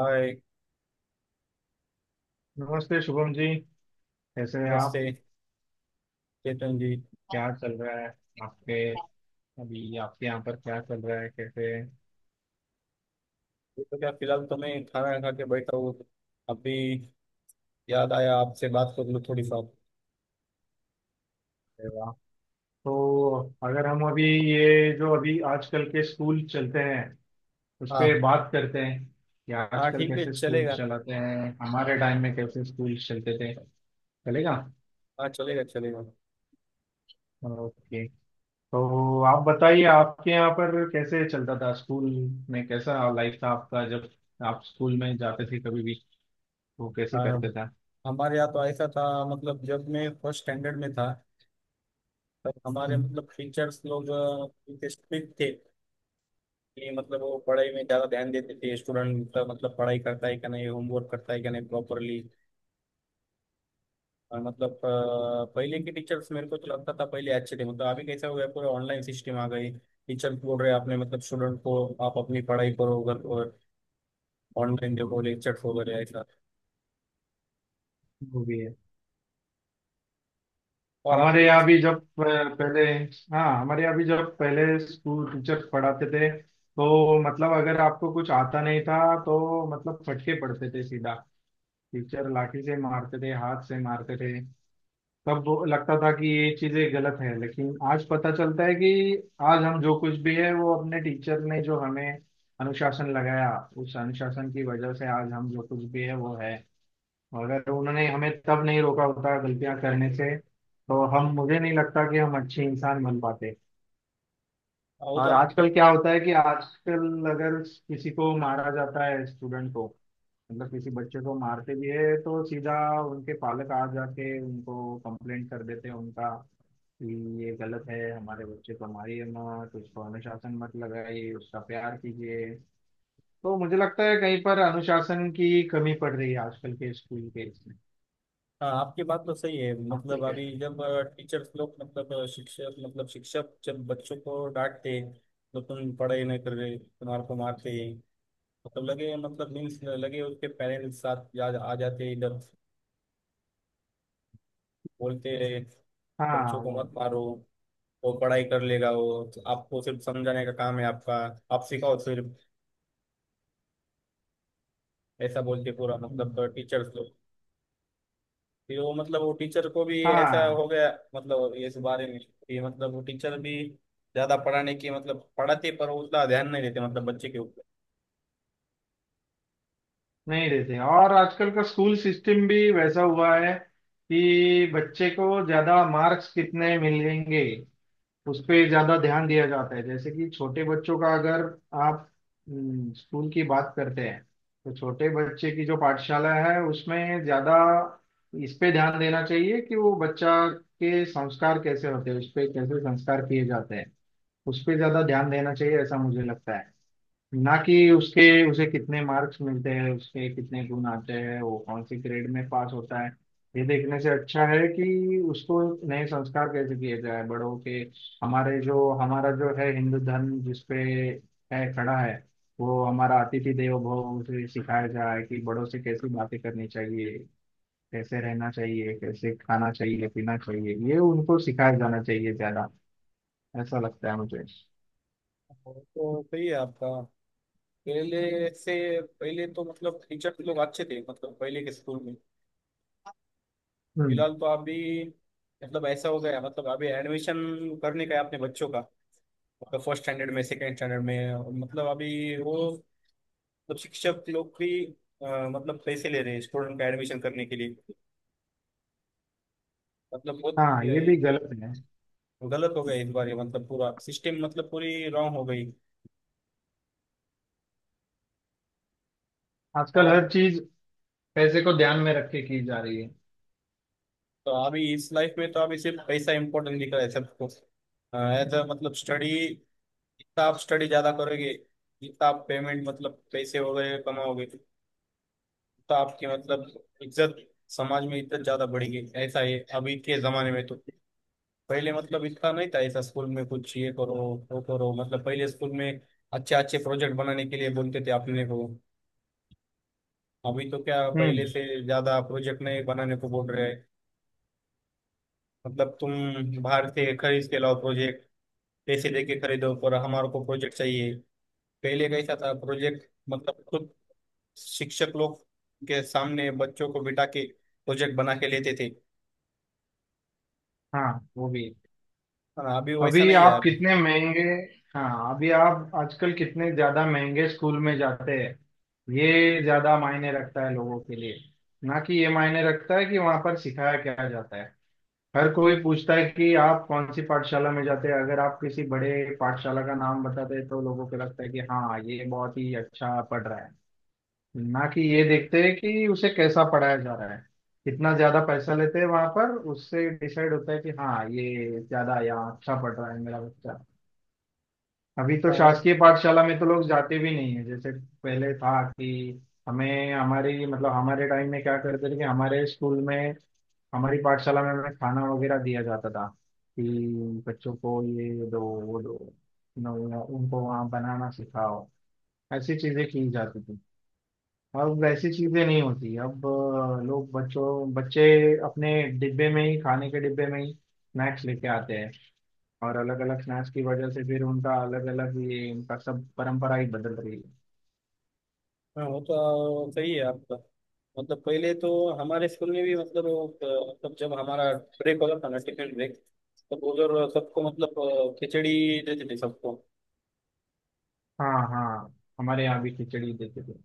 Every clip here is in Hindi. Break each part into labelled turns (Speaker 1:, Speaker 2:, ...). Speaker 1: हाय।
Speaker 2: नमस्ते शुभम जी। कैसे हैं
Speaker 1: नमस्ते
Speaker 2: आप?
Speaker 1: चेतन जी।
Speaker 2: क्या चल रहा है आपके? अभी आपके यहाँ पर क्या चल रहा है, कैसे हैं?
Speaker 1: ये तो क्या फिलहाल तो मैं खाना खा के बैठा हूँ। अभी याद आया आपसे बात कर लूँ थोड़ी सा।
Speaker 2: अरे वाह। तो अगर हम अभी, ये जो अभी आजकल के स्कूल चलते हैं उस पे
Speaker 1: हाँ
Speaker 2: बात करते हैं कि
Speaker 1: हाँ
Speaker 2: आजकल
Speaker 1: ठीक है
Speaker 2: कैसे स्कूल
Speaker 1: चलेगा।
Speaker 2: चलाते हैं, हमारे टाइम में कैसे स्कूल चलते थे। चलेगा।
Speaker 1: हाँ चलेगा चलेगा।
Speaker 2: ओके। तो आप बताइए आपके यहाँ पर कैसे चलता था स्कूल, में कैसा लाइफ था आपका जब आप स्कूल में जाते थे कभी भी, वो कैसे
Speaker 1: हाँ
Speaker 2: करते
Speaker 1: हमारे यहाँ तो ऐसा था मतलब जब मैं फर्स्ट स्टैंडर्ड में था तब
Speaker 2: थे।
Speaker 1: हमारे मतलब टीचर्स लोग स्ट्रिक्ट थे कि मतलब वो पढ़ाई में ज़्यादा ध्यान देते थे। स्टूडेंट मतलब पढ़ाई करता है कि नहीं, होमवर्क करता है कि नहीं प्रॉपरली। और मतलब पहले के टीचर्स मेरे को तो लगता था पहले अच्छे थे। मतलब अभी कैसा हो गया, पूरे ऑनलाइन सिस्टम आ गई। टीचर बोल रहे हैं आपने मतलब स्टूडेंट को आप अपनी पढ़ाई करो अगर, और ऑनलाइन देखो लेक्चर्स वगैरह ऐसा।
Speaker 2: वो भी है।
Speaker 1: और
Speaker 2: हमारे
Speaker 1: आपके
Speaker 2: यहाँ भी जब, पहले, हाँ, हमारे यहाँ भी जब पहले स्कूल टीचर्स पढ़ाते थे तो मतलब अगर आपको कुछ आता नहीं था तो मतलब फटके पड़ते थे सीधा। टीचर लाठी से मारते थे, हाथ से मारते थे। तब वो लगता था कि ये चीजें गलत है, लेकिन आज पता चलता है कि आज हम जो कुछ भी है वो अपने टीचर ने जो हमें अनुशासन लगाया, उस अनुशासन की वजह से आज हम जो कुछ भी है वो है। अगर उन्होंने हमें तब नहीं रोका होता गलतियां करने से तो हम, मुझे नहीं लगता कि हम अच्छे इंसान बन पाते।
Speaker 1: वो तो
Speaker 2: और
Speaker 1: आपकी,
Speaker 2: आजकल क्या होता है कि आजकल अगर किसी को मारा जाता है, स्टूडेंट को, मतलब किसी बच्चे को मारते भी है तो सीधा उनके पालक आ जाके उनको कंप्लेंट कर देते हैं उनका, कि ये गलत है, हमारे बच्चे को मारिए मत, उसको अनुशासन मत लगाइए, उसका प्यार कीजिए। तो मुझे लगता है कहीं पर अनुशासन की कमी पड़ रही है आजकल के स्कूल के इसमें।
Speaker 1: हाँ आपकी बात तो सही है।
Speaker 2: आपका
Speaker 1: मतलब
Speaker 2: क्या?
Speaker 1: अभी जब टीचर्स लोग मतलब शिक्षक मतलब शिक्षक जब बच्चों को डांटते हैं, तो तुम पढ़ाई नहीं कर रहे तुम्हारे को मारते हैं मतलब, लगे मतलब मीन्स लगे उसके पेरेंट्स साथ आ जाते हैं इधर। बोलते हैं
Speaker 2: हाँ,
Speaker 1: बच्चों को
Speaker 2: वो
Speaker 1: मत मारो, वो पढ़ाई कर लेगा। वो तो आपको सिर्फ समझाने का काम है आपका, आप सिखाओ सिर्फ। ऐसा बोल के पूरा मतलब
Speaker 2: हम्म,
Speaker 1: टीचर्स लोग फिर वो मतलब वो टीचर को भी ऐसा हो
Speaker 2: हाँ
Speaker 1: गया मतलब इस बारे में कि मतलब वो टीचर भी ज्यादा पढ़ाने की मतलब पढ़ाते पर उतना ध्यान नहीं देते मतलब बच्चे के ऊपर।
Speaker 2: नहीं देते। और आजकल का स्कूल सिस्टम भी वैसा हुआ है कि बच्चे को ज्यादा मार्क्स कितने मिलेंगे उस पे ज्यादा ध्यान दिया जाता है। जैसे कि छोटे बच्चों का अगर आप, स्कूल की बात करते हैं तो छोटे बच्चे की जो पाठशाला है उसमें ज्यादा इस पे ध्यान देना चाहिए कि वो बच्चा के संस्कार कैसे होते हैं, उस पे कैसे संस्कार किए जाते हैं उस पे ज्यादा ध्यान देना चाहिए, ऐसा मुझे लगता है। ना कि उसके, उसे कितने मार्क्स मिलते हैं, उसके कितने गुण आते हैं, वो कौन से ग्रेड में पास होता है ये देखने से अच्छा है कि उसको नए संस्कार कैसे किए जाए बड़ों के। हमारे जो हमारा जो है हिंदू धर्म जिसपे है खड़ा है, वो हमारा अतिथि देवो भव उसे सिखाया जाए कि बड़ों से कैसी बातें करनी चाहिए, कैसे रहना चाहिए, कैसे खाना चाहिए पीना चाहिए, ये उनको सिखाया जाना चाहिए ज्यादा, ऐसा लगता है मुझे।
Speaker 1: तो सही है आपका। पहले से पहले तो मतलब टीचर तो लोग अच्छे थे मतलब पहले के स्कूल में।
Speaker 2: हम्म।
Speaker 1: फिलहाल तो अभी मतलब ऐसा हो गया मतलब अभी एडमिशन करने का है अपने बच्चों का। फर्स्ट स्टैंडर्ड में सेकंड स्टैंडर्ड में मतलब अभी वो मतलब शिक्षक लोग भी मतलब पैसे ले रहे हैं स्टूडेंट का एडमिशन करने के लिए। मतलब बहुत
Speaker 2: हाँ
Speaker 1: ये,
Speaker 2: ये
Speaker 1: ये
Speaker 2: भी गलत है।
Speaker 1: गलत हो गया इस बार। ये मतलब पूरा सिस्टम मतलब पूरी रॉन्ग हो गई।
Speaker 2: आजकल
Speaker 1: और
Speaker 2: हर चीज पैसे को ध्यान में रख के की जा रही है।
Speaker 1: तो अभी इस लाइफ में तो अभी सिर्फ पैसा इम्पोर्टेंट दिख रहा है सबको। एज अ मतलब स्टडी, जितना आप स्टडी ज्यादा करोगे जितना आप पेमेंट मतलब पैसे वगैरह कमाओगे तो आपकी मतलब इज्जत, समाज में इज्जत ज्यादा बढ़ेगी। ऐसा है अभी के जमाने में तो। पहले मतलब इतना नहीं था ऐसा स्कूल में। कुछ ये करो वो करो मतलब पहले स्कूल में अच्छे अच्छे प्रोजेक्ट बनाने के लिए बोलते थे अपने को। अभी तो क्या पहले
Speaker 2: हम्म।
Speaker 1: से ज्यादा प्रोजेक्ट नहीं बनाने को बोल रहे हैं, मतलब तुम बाहर से खरीद के लाओ प्रोजेक्ट, पैसे देके खरीदो पर हमारे को प्रोजेक्ट चाहिए। पहले कैसा था प्रोजेक्ट मतलब खुद शिक्षक लोग के सामने बच्चों को बिठा के प्रोजेक्ट बना के लेते थे।
Speaker 2: हाँ वो भी है।
Speaker 1: हाँ, अभी वैसा
Speaker 2: अभी
Speaker 1: नहीं है
Speaker 2: आप
Speaker 1: अभी।
Speaker 2: कितने महंगे, हाँ अभी आप आजकल कितने ज्यादा महंगे स्कूल में जाते हैं ये ज्यादा मायने रखता है लोगों के लिए, ना कि ये मायने रखता है कि वहां पर सिखाया क्या जाता है। हर कोई पूछता है कि आप कौन सी पाठशाला में जाते हैं, अगर आप किसी बड़े पाठशाला का नाम बताते हैं तो लोगों को लगता है कि हाँ ये बहुत ही अच्छा पढ़ रहा है, ना कि ये देखते हैं कि उसे कैसा पढ़ाया जा रहा है। कितना ज्यादा पैसा लेते हैं वहां पर उससे डिसाइड होता है कि हाँ ये ज्यादा या अच्छा पढ़ रहा है मेरा बच्चा। अभी तो
Speaker 1: हाँ,
Speaker 2: शासकीय पाठशाला में तो लोग जाते भी नहीं है। जैसे पहले था कि हमें हमारी, मतलब हमारे टाइम में क्या करते थे कि हमारे स्कूल में, हमारी पाठशाला में हमें खाना वगैरह दिया जाता था कि बच्चों को ये दो वो दो, न- उनको वहाँ बनाना सिखाओ, ऐसी चीजें की जाती थी। अब वैसी चीजें नहीं होती। अब लोग बच्चों बच्चे अपने डिब्बे में ही, खाने के डिब्बे में ही स्नैक्स लेके आते हैं, और अलग अलग स्नैक्स की वजह से फिर उनका अलग अलग ये, उनका सब परंपरा ही बदल रही है।
Speaker 1: हाँ वो तो सही है आपका। मतलब पहले तो हमारे स्कूल में भी मतलब मतलब जब हमारा ब्रेक होता था ना, टिफिन ब्रेक, तब उधर सबको मतलब खिचड़ी देते थे सबको।
Speaker 2: हाँ, हाँ, हमारे यहाँ भी खिचड़ी देते थे।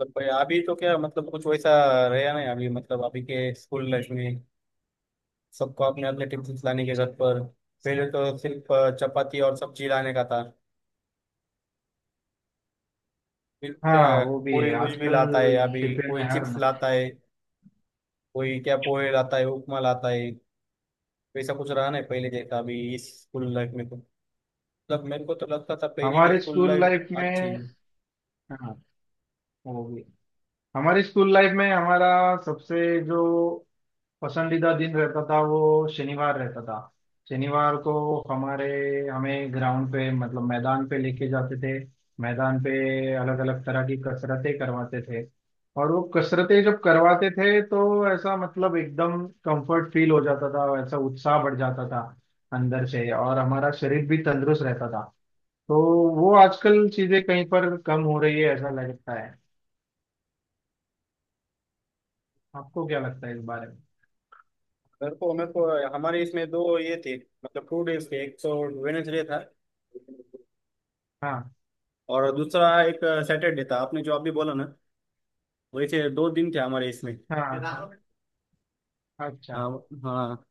Speaker 1: मतलब भाई अभी तो क्या मतलब कुछ वैसा रहा नहीं अभी मतलब अभी के स्कूल लाइफ में। सबको अपने अपने टिफिन लाने के घर पर। पहले तो सिर्फ चपाती और सब्जी लाने का था, फिर
Speaker 2: हाँ
Speaker 1: क्या
Speaker 2: वो भी
Speaker 1: कोई
Speaker 2: है
Speaker 1: कुछ भी
Speaker 2: आजकल
Speaker 1: लाता है। अभी
Speaker 2: डिब्बे में
Speaker 1: कोई
Speaker 2: हर
Speaker 1: चिप्स
Speaker 2: ना।
Speaker 1: लाता है, कोई क्या पोहे लाता है, उपमा लाता है। वैसा कुछ रहा नहीं पहले जैसा अभी इस स्कूल लाइफ में तो। मतलब मेरे को तो लगता था पहले की
Speaker 2: हमारे
Speaker 1: स्कूल
Speaker 2: स्कूल
Speaker 1: लाइफ
Speaker 2: लाइफ
Speaker 1: अच्छी
Speaker 2: में,
Speaker 1: है।
Speaker 2: हाँ वो भी, हमारी स्कूल लाइफ में हमारा सबसे जो पसंदीदा दिन रहता था वो शनिवार रहता था। शनिवार को हमारे, हमें ग्राउंड पे, मतलब मैदान पे लेके जाते थे। मैदान पे अलग अलग तरह की कसरतें करवाते थे, और वो कसरतें जब करवाते थे तो ऐसा मतलब एकदम कंफर्ट फील हो जाता था, ऐसा उत्साह बढ़ जाता था अंदर से, और हमारा शरीर भी तंदुरुस्त रहता था। तो वो आजकल चीजें कहीं पर कम हो रही है, ऐसा लगता है। आपको क्या लगता है इस बारे में?
Speaker 1: मेरे को हमारे इसमें दो ये थे मतलब 2 डेज थे। एक तो वेनेसडे था
Speaker 2: हाँ।
Speaker 1: और दूसरा एक सैटरडे था। आपने जो अभी बोला ना, वैसे दो दिन थे हमारे इसमें।
Speaker 2: हाँ।
Speaker 1: हाँ।
Speaker 2: अच्छा,
Speaker 1: हाँ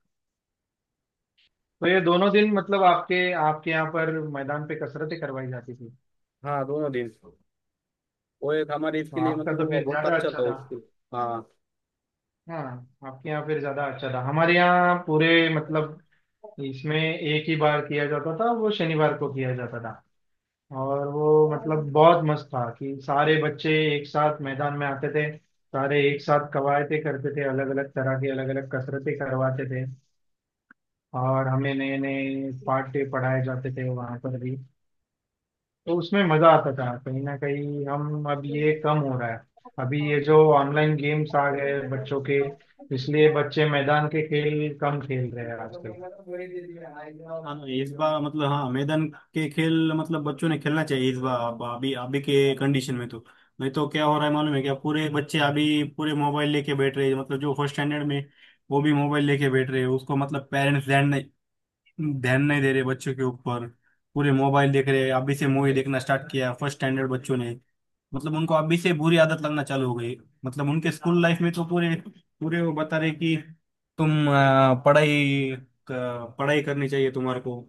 Speaker 2: तो ये दोनों दिन मतलब आपके, आपके यहाँ पर मैदान पे कसरतें करवाई जाती थी।
Speaker 1: हाँ दोनों दिन। वो एक हमारे
Speaker 2: तो
Speaker 1: इसके लिए
Speaker 2: आपका
Speaker 1: मतलब
Speaker 2: तो
Speaker 1: वो
Speaker 2: फिर
Speaker 1: बहुत
Speaker 2: ज्यादा
Speaker 1: अच्छा
Speaker 2: अच्छा
Speaker 1: था
Speaker 2: था।
Speaker 1: उसके। हाँ।
Speaker 2: हाँ, आपके यहाँ फिर ज्यादा अच्छा था। हमारे यहाँ पूरे, मतलब इसमें एक ही बार किया जाता था, वो शनिवार को किया जाता था। और वो मतलब बहुत मस्त था कि सारे बच्चे एक साथ मैदान में आते थे, सारे एक साथ कवायते करते थे, अलग अलग तरह की अलग अलग कसरतें करवाते थे, और हमें नए नए पाठ्य पढ़ाए जाते थे वहां पर भी। तो उसमें मजा आता था कहीं ना कहीं, हम अब ये कम हो रहा है। अभी ये जो ऑनलाइन गेम्स आ गए बच्चों के, इसलिए बच्चे मैदान के खेल कम खेल रहे हैं आजकल।
Speaker 1: हाँ तो इस बार मतलब, हाँ मैदान के खेल मतलब बच्चों ने खेलना चाहिए इस बार। अब अभी अभी के कंडीशन में तो नहीं तो क्या हो रहा है मालूम है क्या, पूरे बच्चे अभी पूरे मोबाइल लेके बैठ रहे हैं। मतलब जो फर्स्ट स्टैंडर्ड में वो भी मोबाइल लेके बैठ रहे हैं। उसको मतलब पेरेंट्स ध्यान नहीं दे रहे बच्चों के ऊपर। पूरे मोबाइल देख रहे हैं। अभी से मूवी देखना स्टार्ट किया फर्स्ट स्टैंडर्ड बच्चों ने। मतलब उनको अभी से बुरी आदत लगना चालू हो गई। मतलब उनके स्कूल लाइफ में तो पूरे पूरे वो बता रहे कि तुम पढ़ाई पढ़ाई करनी चाहिए तुम्हारे को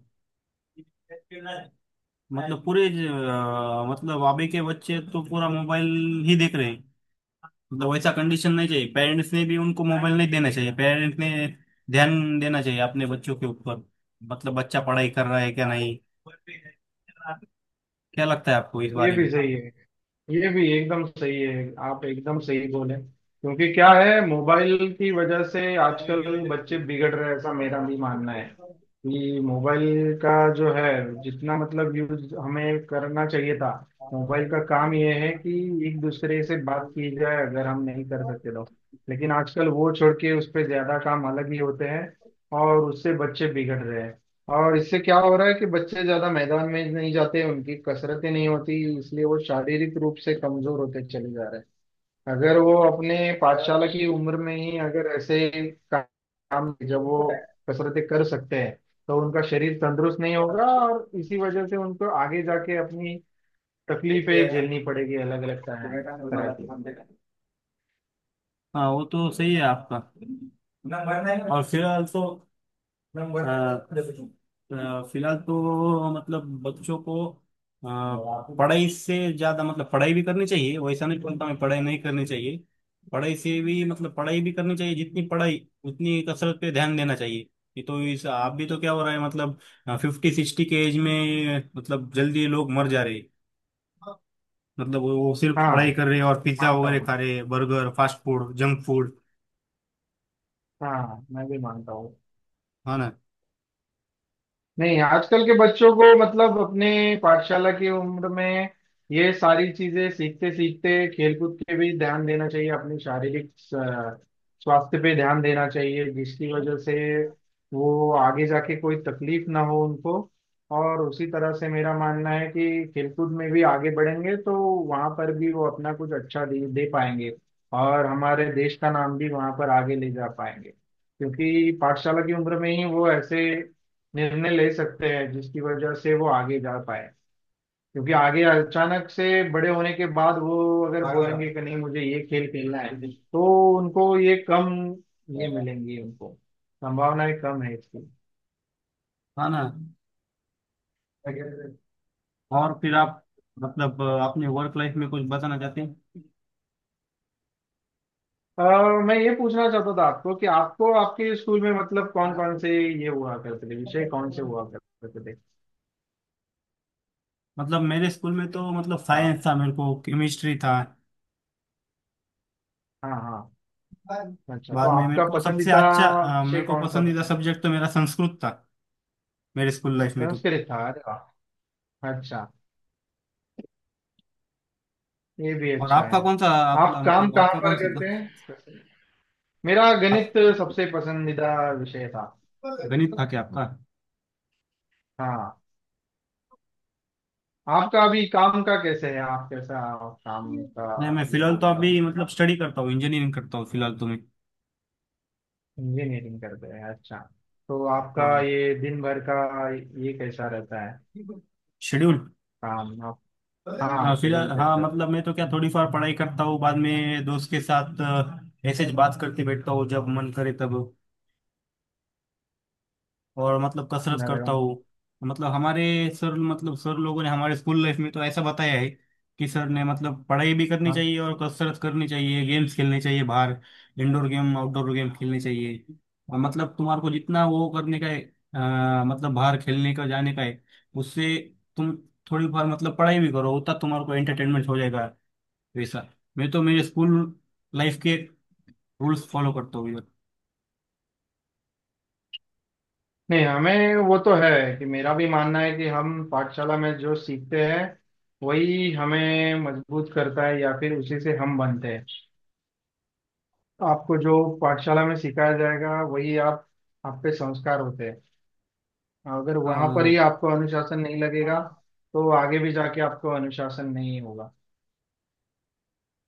Speaker 1: मतलब पूरे। मतलब अभी के बच्चे तो पूरा मोबाइल ही देख रहे हैं। मतलब वैसा कंडीशन नहीं चाहिए, पेरेंट्स ने भी उनको मोबाइल नहीं देना चाहिए। पेरेंट्स ने ध्यान देना चाहिए अपने बच्चों के ऊपर, मतलब बच्चा पढ़ाई कर रहा है क्या नहीं। क्या लगता है आपको इस
Speaker 2: ये
Speaker 1: बारे
Speaker 2: भी
Speaker 1: में?
Speaker 2: सही है, ये भी एकदम सही है, आप एकदम सही बोले। क्योंकि क्या है, मोबाइल की वजह से आजकल बच्चे बिगड़ रहे हैं, ऐसा मेरा भी मानना है। कि मोबाइल का जो है, जितना मतलब यूज हमें करना चाहिए था, मोबाइल का काम ये है कि एक दूसरे से बात की जाए अगर हम नहीं कर सकते तो। लेकिन आजकल वो छोड़ के उस पर ज्यादा काम अलग ही होते हैं, और उससे बच्चे बिगड़ रहे हैं। और इससे क्या हो रहा है कि बच्चे ज्यादा मैदान में नहीं जाते, उनकी कसरतें नहीं होती, इसलिए वो शारीरिक रूप से कमजोर होते चले जा रहे हैं। अगर वो अपने पाठशाला की उम्र में ही अगर ऐसे का- काम, जब वो कसरतें कर सकते हैं, तो उनका शरीर तंदुरुस्त नहीं होगा और इसी वजह से उनको आगे जाके अपनी तकलीफें झेलनी पड़ेगी अलग अलग तरह तरह की।
Speaker 1: हाँ वो तो सही है आपका। और फिलहाल तो फिलहाल तो मतलब बच्चों को पढ़ाई से ज्यादा मतलब पढ़ाई भी करनी चाहिए, वैसा नहीं बोलता मैं पढ़ाई नहीं करनी चाहिए। पढ़ाई से भी मतलब पढ़ाई भी करनी चाहिए, जितनी पढ़ाई उतनी कसरत पे ध्यान देना चाहिए। ये तो इस आप भी तो क्या हो रहा है मतलब 50-60 के एज में मतलब जल्दी लोग मर जा रहे हैं। मतलब वो सिर्फ
Speaker 2: हाँ
Speaker 1: पढ़ाई कर रहे हैं और पिज्जा
Speaker 2: मानता
Speaker 1: वगैरह
Speaker 2: हूँ मैं,
Speaker 1: खा रहे हैं, burger, fast food, junk food.
Speaker 2: हाँ मैं भी मानता हूँ।
Speaker 1: है ना।
Speaker 2: नहीं, आजकल के बच्चों को मतलब अपने पाठशाला की उम्र में ये सारी चीजें सीखते सीखते खेलकूद पे भी ध्यान देना चाहिए, अपनी शारीरिक अ, स्वास्थ्य पे ध्यान देना चाहिए, जिसकी वजह से वो आगे जाके कोई तकलीफ ना हो उनको। और उसी तरह से मेरा मानना है कि खेलकूद में भी आगे बढ़ेंगे तो वहां पर भी वो अपना कुछ अच्छा दे पाएंगे, और हमारे देश का नाम भी वहां पर आगे ले जा पाएंगे। क्योंकि पाठशाला की उम्र में ही वो ऐसे निर्णय ले सकते हैं जिसकी वजह से वो आगे जा पाए। क्योंकि आगे अचानक से बड़े होने के बाद वो अगर बोलेंगे कि नहीं मुझे ये खेल खेलना है तो उनको ये कम ये मिलेंगी उनको, संभावनाएं कम है इसकी।
Speaker 1: है ना। और फिर आप मतलब अपने वर्क लाइफ में कुछ बताना चाहते हैं।
Speaker 2: और मैं ये पूछना चाहता था आपको कि आपको आपके स्कूल में मतलब कौन कौन से ये हुआ करते थे विषय, कौन से हुआ करते थे?
Speaker 1: मतलब मेरे स्कूल में तो मतलब
Speaker 2: हाँ,
Speaker 1: साइंस था, मेरे को केमिस्ट्री था।
Speaker 2: हाँ, हाँ। अच्छा, तो
Speaker 1: बाद में मेरे
Speaker 2: आपका
Speaker 1: को सबसे
Speaker 2: पसंदीदा
Speaker 1: अच्छा
Speaker 2: विषय
Speaker 1: मेरे को
Speaker 2: कौन सा था?
Speaker 1: पसंदीदा सब्जेक्ट तो मेरा संस्कृत था मेरे स्कूल लाइफ में तो।
Speaker 2: संस्कृत था, अरे वाह, अच्छा। ये भी
Speaker 1: और
Speaker 2: अच्छा
Speaker 1: आपका
Speaker 2: है।
Speaker 1: कौन सा
Speaker 2: आप
Speaker 1: आपका
Speaker 2: काम
Speaker 1: मतलब
Speaker 2: कहाँ
Speaker 1: आपका
Speaker 2: पर
Speaker 1: कौन सा
Speaker 2: करते
Speaker 1: था?
Speaker 2: हैं? मेरा गणित
Speaker 1: आप,
Speaker 2: सबसे पसंदीदा विषय था।
Speaker 1: गणित था क्या आपका?
Speaker 2: हाँ, आपका अभी काम का कैसे है, आप कैसा काम का,
Speaker 1: नहीं मैं
Speaker 2: ये
Speaker 1: फिलहाल तो
Speaker 2: आपका,
Speaker 1: अभी मतलब स्टडी करता हूँ, इंजीनियरिंग करता हूँ फिलहाल तो मैं।
Speaker 2: इंजीनियरिंग करते हैं, अच्छा। तो आपका
Speaker 1: हाँ
Speaker 2: ये दिन भर का ये कैसा रहता है,
Speaker 1: शेड्यूल।
Speaker 2: काम आप,
Speaker 1: हाँ,
Speaker 2: हाँ
Speaker 1: फिलहाल
Speaker 2: शेड्यूल
Speaker 1: हाँ
Speaker 2: कैसे?
Speaker 1: मतलब मैं तो क्या थोड़ी फार पढ़ाई करता हूँ, बाद में दोस्त के साथ ऐसे ही बात करते बैठता हूँ जब मन करे तब। और मतलब कसरत
Speaker 2: अरे
Speaker 1: करता
Speaker 2: वाह।
Speaker 1: हूँ। मतलब हमारे सर मतलब सर लोगों ने हमारे स्कूल लाइफ में तो ऐसा बताया है कि सर ने मतलब पढ़ाई भी करनी
Speaker 2: हाँ,
Speaker 1: चाहिए और कसरत करनी चाहिए, गेम्स खेलने चाहिए बाहर, इंडोर गेम आउटडोर गेम खेलने चाहिए। और मतलब तुम्हारे को जितना वो करने का है मतलब बाहर खेलने का जाने का है, उससे तुम थोड़ी बार मतलब पढ़ाई भी करो उतना तुम्हारे को एंटरटेनमेंट हो जाएगा वैसा। मैं तो मेरे स्कूल लाइफ के रूल्स फॉलो करता हूँ इधर।
Speaker 2: नहीं हमें वो तो है कि मेरा भी मानना है कि हम पाठशाला में जो सीखते हैं वही हमें मजबूत करता है, या फिर उसी से हम बनते हैं। आपको जो पाठशाला में सिखाया जाएगा वही आप पे संस्कार होते हैं। अगर वहां पर ही
Speaker 1: हाँ।
Speaker 2: आपको अनुशासन नहीं लगेगा तो आगे भी जाके आपको अनुशासन नहीं होगा।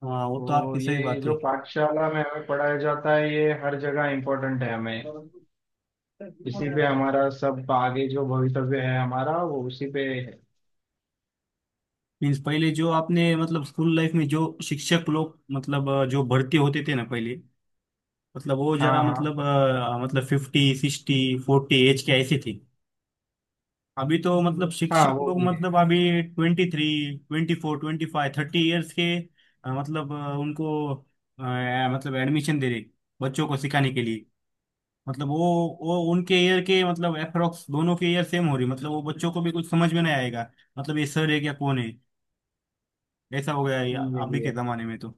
Speaker 1: हाँ, वो तो
Speaker 2: तो
Speaker 1: आपकी सही
Speaker 2: ये
Speaker 1: बात है।
Speaker 2: जो पाठशाला में हमें पढ़ाया जाता है ये हर जगह इम्पोर्टेंट है हमें, इसी पे हमारा सब आगे जो भवितव्य है हमारा वो उसी पे है।
Speaker 1: मीन्स पहले जो आपने मतलब स्कूल लाइफ में जो शिक्षक लोग मतलब जो भर्ती होते थे ना पहले, मतलब वो जरा
Speaker 2: हाँ, हाँ।
Speaker 1: मतलब मतलब 50-60-40 एज के ऐसे थे। अभी तो मतलब
Speaker 2: हाँ
Speaker 1: शिक्षक
Speaker 2: वो
Speaker 1: लोग
Speaker 2: भी है।
Speaker 1: मतलब अभी 23, 24, 25, 30 ईयर्स के मतलब उनको अ, मतलब एडमिशन दे रहे बच्चों को सिखाने के लिए। मतलब वो उनके ईयर के मतलब अप्रोक्स दोनों के ईयर सेम हो रही, मतलब वो बच्चों को भी कुछ समझ में नहीं आएगा मतलब ये सर है क्या कौन है, ऐसा हो गया है
Speaker 2: ये
Speaker 1: अभी
Speaker 2: भी
Speaker 1: के
Speaker 2: है।
Speaker 1: जमाने में तो।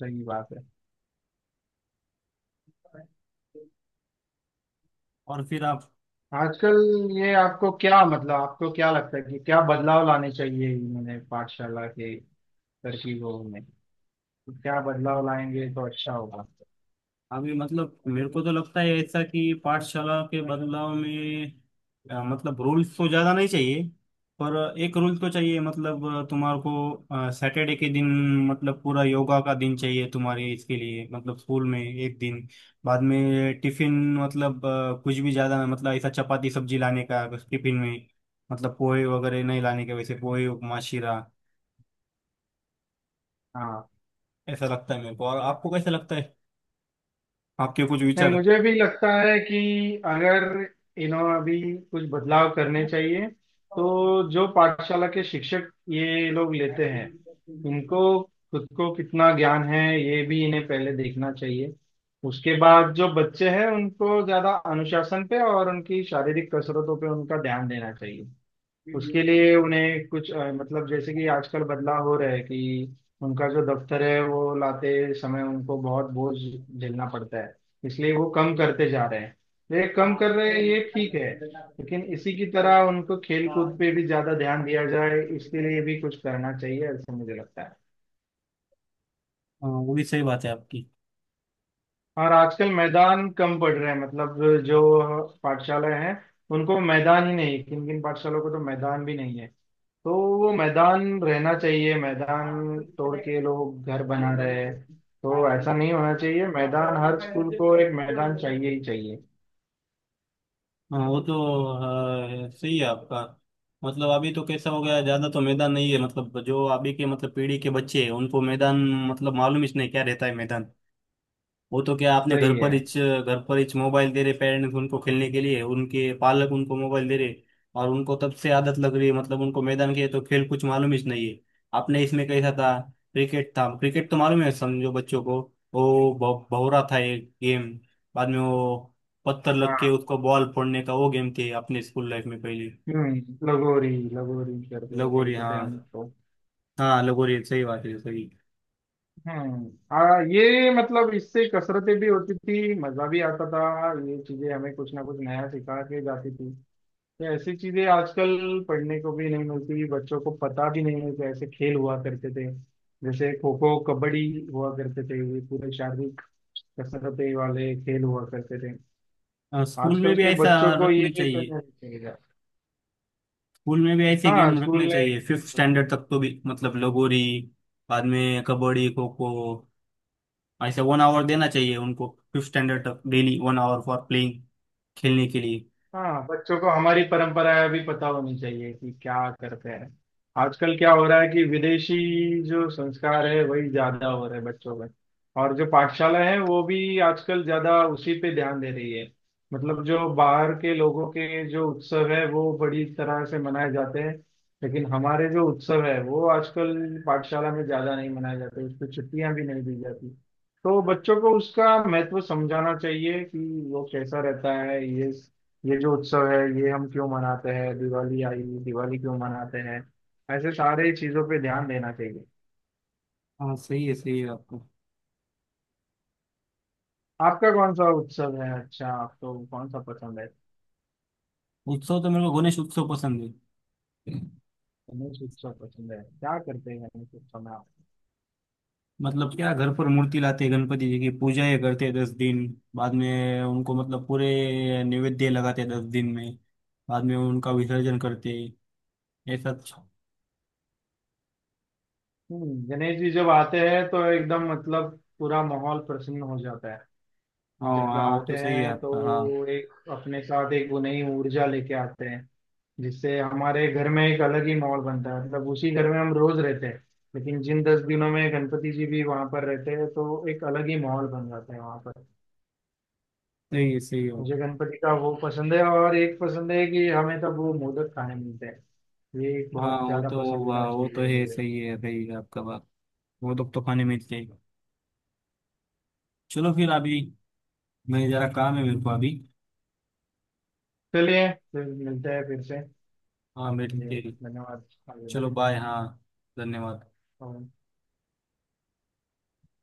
Speaker 2: सही बात है।
Speaker 1: और फिर आप
Speaker 2: आजकल, ये आपको क्या मतलब आपको क्या लगता है कि क्या बदलाव लाने चाहिए इन्होंने पाठशाला के तरकीबों में, तो क्या बदलाव लाएंगे तो अच्छा होगा?
Speaker 1: अभी मतलब मेरे को तो लगता है ऐसा कि पाठशाला के बदलाव में मतलब रूल्स तो ज्यादा नहीं चाहिए, पर एक रूल तो चाहिए मतलब तुम्हारे को सैटरडे के दिन मतलब पूरा योगा का दिन चाहिए तुम्हारे इसके लिए मतलब स्कूल में एक दिन। बाद में टिफिन मतलब कुछ भी ज्यादा मतलब ऐसा चपाती सब्जी लाने का टिफिन में। मतलब पोहे वगैरह नहीं लाने के, वैसे पोहे उपमा शीरा,
Speaker 2: हाँ।
Speaker 1: ऐसा लगता है मेरे को। और आपको कैसा लगता है, आपके कुछ
Speaker 2: नहीं,
Speaker 1: विचार?
Speaker 2: मुझे भी लगता है कि अगर इन्होंने अभी कुछ बदलाव करने चाहिए तो जो पाठशाला के शिक्षक ये लोग लेते हैं इनको खुद को कितना ज्ञान है ये भी इन्हें पहले देखना चाहिए। उसके बाद जो बच्चे हैं उनको ज्यादा अनुशासन पे और उनकी शारीरिक कसरतों पे उनका ध्यान देना चाहिए। उसके लिए उन्हें कुछ मतलब जैसे कि आजकल बदलाव हो रहा है कि उनका जो दफ्तर है वो लाते समय उनको बहुत बोझ झेलना पड़ता है, इसलिए वो कम करते जा रहे हैं। ये कम कर रहे हैं ये ठीक है, लेकिन इसी की तरह उनको खेल कूद पे भी ज्यादा ध्यान दिया जाए इसके लिए भी कुछ करना चाहिए, ऐसा मुझे लगता है।
Speaker 1: हाँ वो भी सही बात है आपकी।
Speaker 2: और आजकल मैदान कम पड़ रहे हैं मतलब जो पाठशालाएं हैं उनको मैदान ही नहीं, किन किन पाठशालाओं को तो मैदान भी नहीं है। तो वो मैदान रहना चाहिए, मैदान तोड़ के लोग घर बना रहे हैं। तो ऐसा नहीं होना चाहिए, मैदान हर स्कूल को एक मैदान चाहिए ही चाहिए।
Speaker 1: हाँ वो तो सही है आपका। मतलब अभी तो कैसा हो गया, ज्यादा तो मैदान नहीं है मतलब जो अभी के मतलब पीढ़ी के बच्चे हैं उनको मैदान मतलब मालूम ही नहीं क्या रहता है मैदान। वो तो क्या आपने घर
Speaker 2: वही है।
Speaker 1: पर हिच घर पर हिच मोबाइल दे रहे पेरेंट्स उनको खेलने के लिए, उनके पालक उनको मोबाइल दे रहे। और उनको तब से आदत लग रही है मतलब उनको मैदान के तो खेल कुछ मालूम ही नहीं है। आपने इसमें कैसा था, क्रिकेट था क्रिकेट तो मालूम है समझो बच्चों को। वो भौरा था एक गेम। बाद में वो पत्थर लग के
Speaker 2: हाँ।
Speaker 1: उसको बॉल फोड़ने का वो गेम थे अपने स्कूल लाइफ में पहले।
Speaker 2: हम्म, लगोरी, लगोरी करते हैं
Speaker 1: लगोरी
Speaker 2: बोलते थे
Speaker 1: हाँ।
Speaker 2: हम तो।
Speaker 1: हाँ लगोरी सही बात है, सही।
Speaker 2: ये मतलब इससे कसरतें भी होती थी मजा भी आता था, ये चीजें हमें कुछ ना कुछ नया सिखा के जाती थी। ये ऐसी चीजें आजकल पढ़ने को भी नहीं मिलती, बच्चों को पता भी नहीं है कि ऐसे खेल हुआ करते थे। जैसे खो खो कबड्डी हुआ करते थे, ये पूरे शारीरिक कसरतें वाले खेल हुआ करते थे।
Speaker 1: हाँ, स्कूल में
Speaker 2: आजकल
Speaker 1: भी
Speaker 2: के
Speaker 1: ऐसा
Speaker 2: बच्चों को ये
Speaker 1: रखना चाहिए,
Speaker 2: नहीं खेला।
Speaker 1: स्कूल में भी ऐसे
Speaker 2: हाँ
Speaker 1: गेम
Speaker 2: स्कूल
Speaker 1: रखने
Speaker 2: ने।
Speaker 1: चाहिए फिफ्थ स्टैंडर्ड तक तो भी। मतलब लगोरी बाद में कबड्डी खो खो ऐसे 1 आवर देना चाहिए उनको फिफ्थ स्टैंडर्ड तक, डेली 1 आवर फॉर प्लेइंग खेलने के लिए।
Speaker 2: हाँ, बच्चों को हमारी परंपराएं भी पता होनी चाहिए कि क्या करते हैं। आजकल क्या हो रहा है कि विदेशी जो संस्कार है वही ज्यादा हो रहे हैं बच्चों में, और जो पाठशाला है वो भी आजकल ज्यादा उसी पे ध्यान दे रही है। मतलब जो बाहर के लोगों के जो उत्सव है वो बड़ी तरह से मनाए जाते हैं, लेकिन हमारे जो उत्सव है वो आजकल पाठशाला में ज्यादा नहीं मनाए जाते, उसको छुट्टियां भी नहीं दी जाती। तो बच्चों को उसका महत्व समझाना चाहिए कि वो कैसा रहता है ये जो उत्सव है ये हम क्यों मनाते हैं, दिवाली आई, दिवाली क्यों मनाते हैं, ऐसे सारे चीजों पे ध्यान देना चाहिए।
Speaker 1: हाँ सही है आपको।
Speaker 2: आपका कौन सा उत्सव है, अच्छा आपको कौन सा पसंद है?
Speaker 1: उत्सव तो मेरे को गणेश उत्सव पसंद है।
Speaker 2: गणेश उत्सव पसंद है, क्या करते हैं गणेश उत्सव में आप?
Speaker 1: मतलब क्या घर पर मूर्ति लाते हैं, गणपति जी की पूजा ये करते हैं 10 दिन। बाद में उनको मतलब पूरे नैवेद्य लगाते हैं 10 दिन में, बाद में उनका विसर्जन करते हैं ऐसा अच्छा।
Speaker 2: गणेश जी जब आते हैं तो एकदम मतलब पूरा माहौल प्रसन्न हो जाता है।
Speaker 1: हाँ
Speaker 2: जब
Speaker 1: हाँ वो
Speaker 2: आते
Speaker 1: तो सही है
Speaker 2: हैं तो
Speaker 1: आपका। हाँ
Speaker 2: एक अपने साथ एक वो नई ऊर्जा लेके आते हैं, जिससे हमारे घर में एक अलग ही माहौल बनता है। मतलब उसी घर में हम रोज रहते हैं, लेकिन जिन 10 दिनों में गणपति जी भी वहां पर रहते हैं तो एक अलग ही माहौल बन जाता है वहां पर।
Speaker 1: सही है सही है।
Speaker 2: मुझे गणपति का वो पसंद है, और एक पसंद है कि हमें तब वो मोदक खाने मिलते हैं, ये एक
Speaker 1: हाँ
Speaker 2: बहुत
Speaker 1: वो
Speaker 2: ज्यादा
Speaker 1: तो वाह,
Speaker 2: पसंदीदा
Speaker 1: वो
Speaker 2: चीज
Speaker 1: तो
Speaker 2: है
Speaker 1: है,
Speaker 2: मुझे।
Speaker 1: सही है सही है आपका बात। वो लोग तो खाने में चाहिए। चलो फिर अभी मैं, जरा काम है मेरे को अभी।
Speaker 2: चलिए फिर मिलते हैं फिर से।
Speaker 1: हाँ मेरी
Speaker 2: चलिए।
Speaker 1: तेरी।
Speaker 2: धन्यवाद। अलविदा।
Speaker 1: चलो बाय। हाँ धन्यवाद।
Speaker 2: और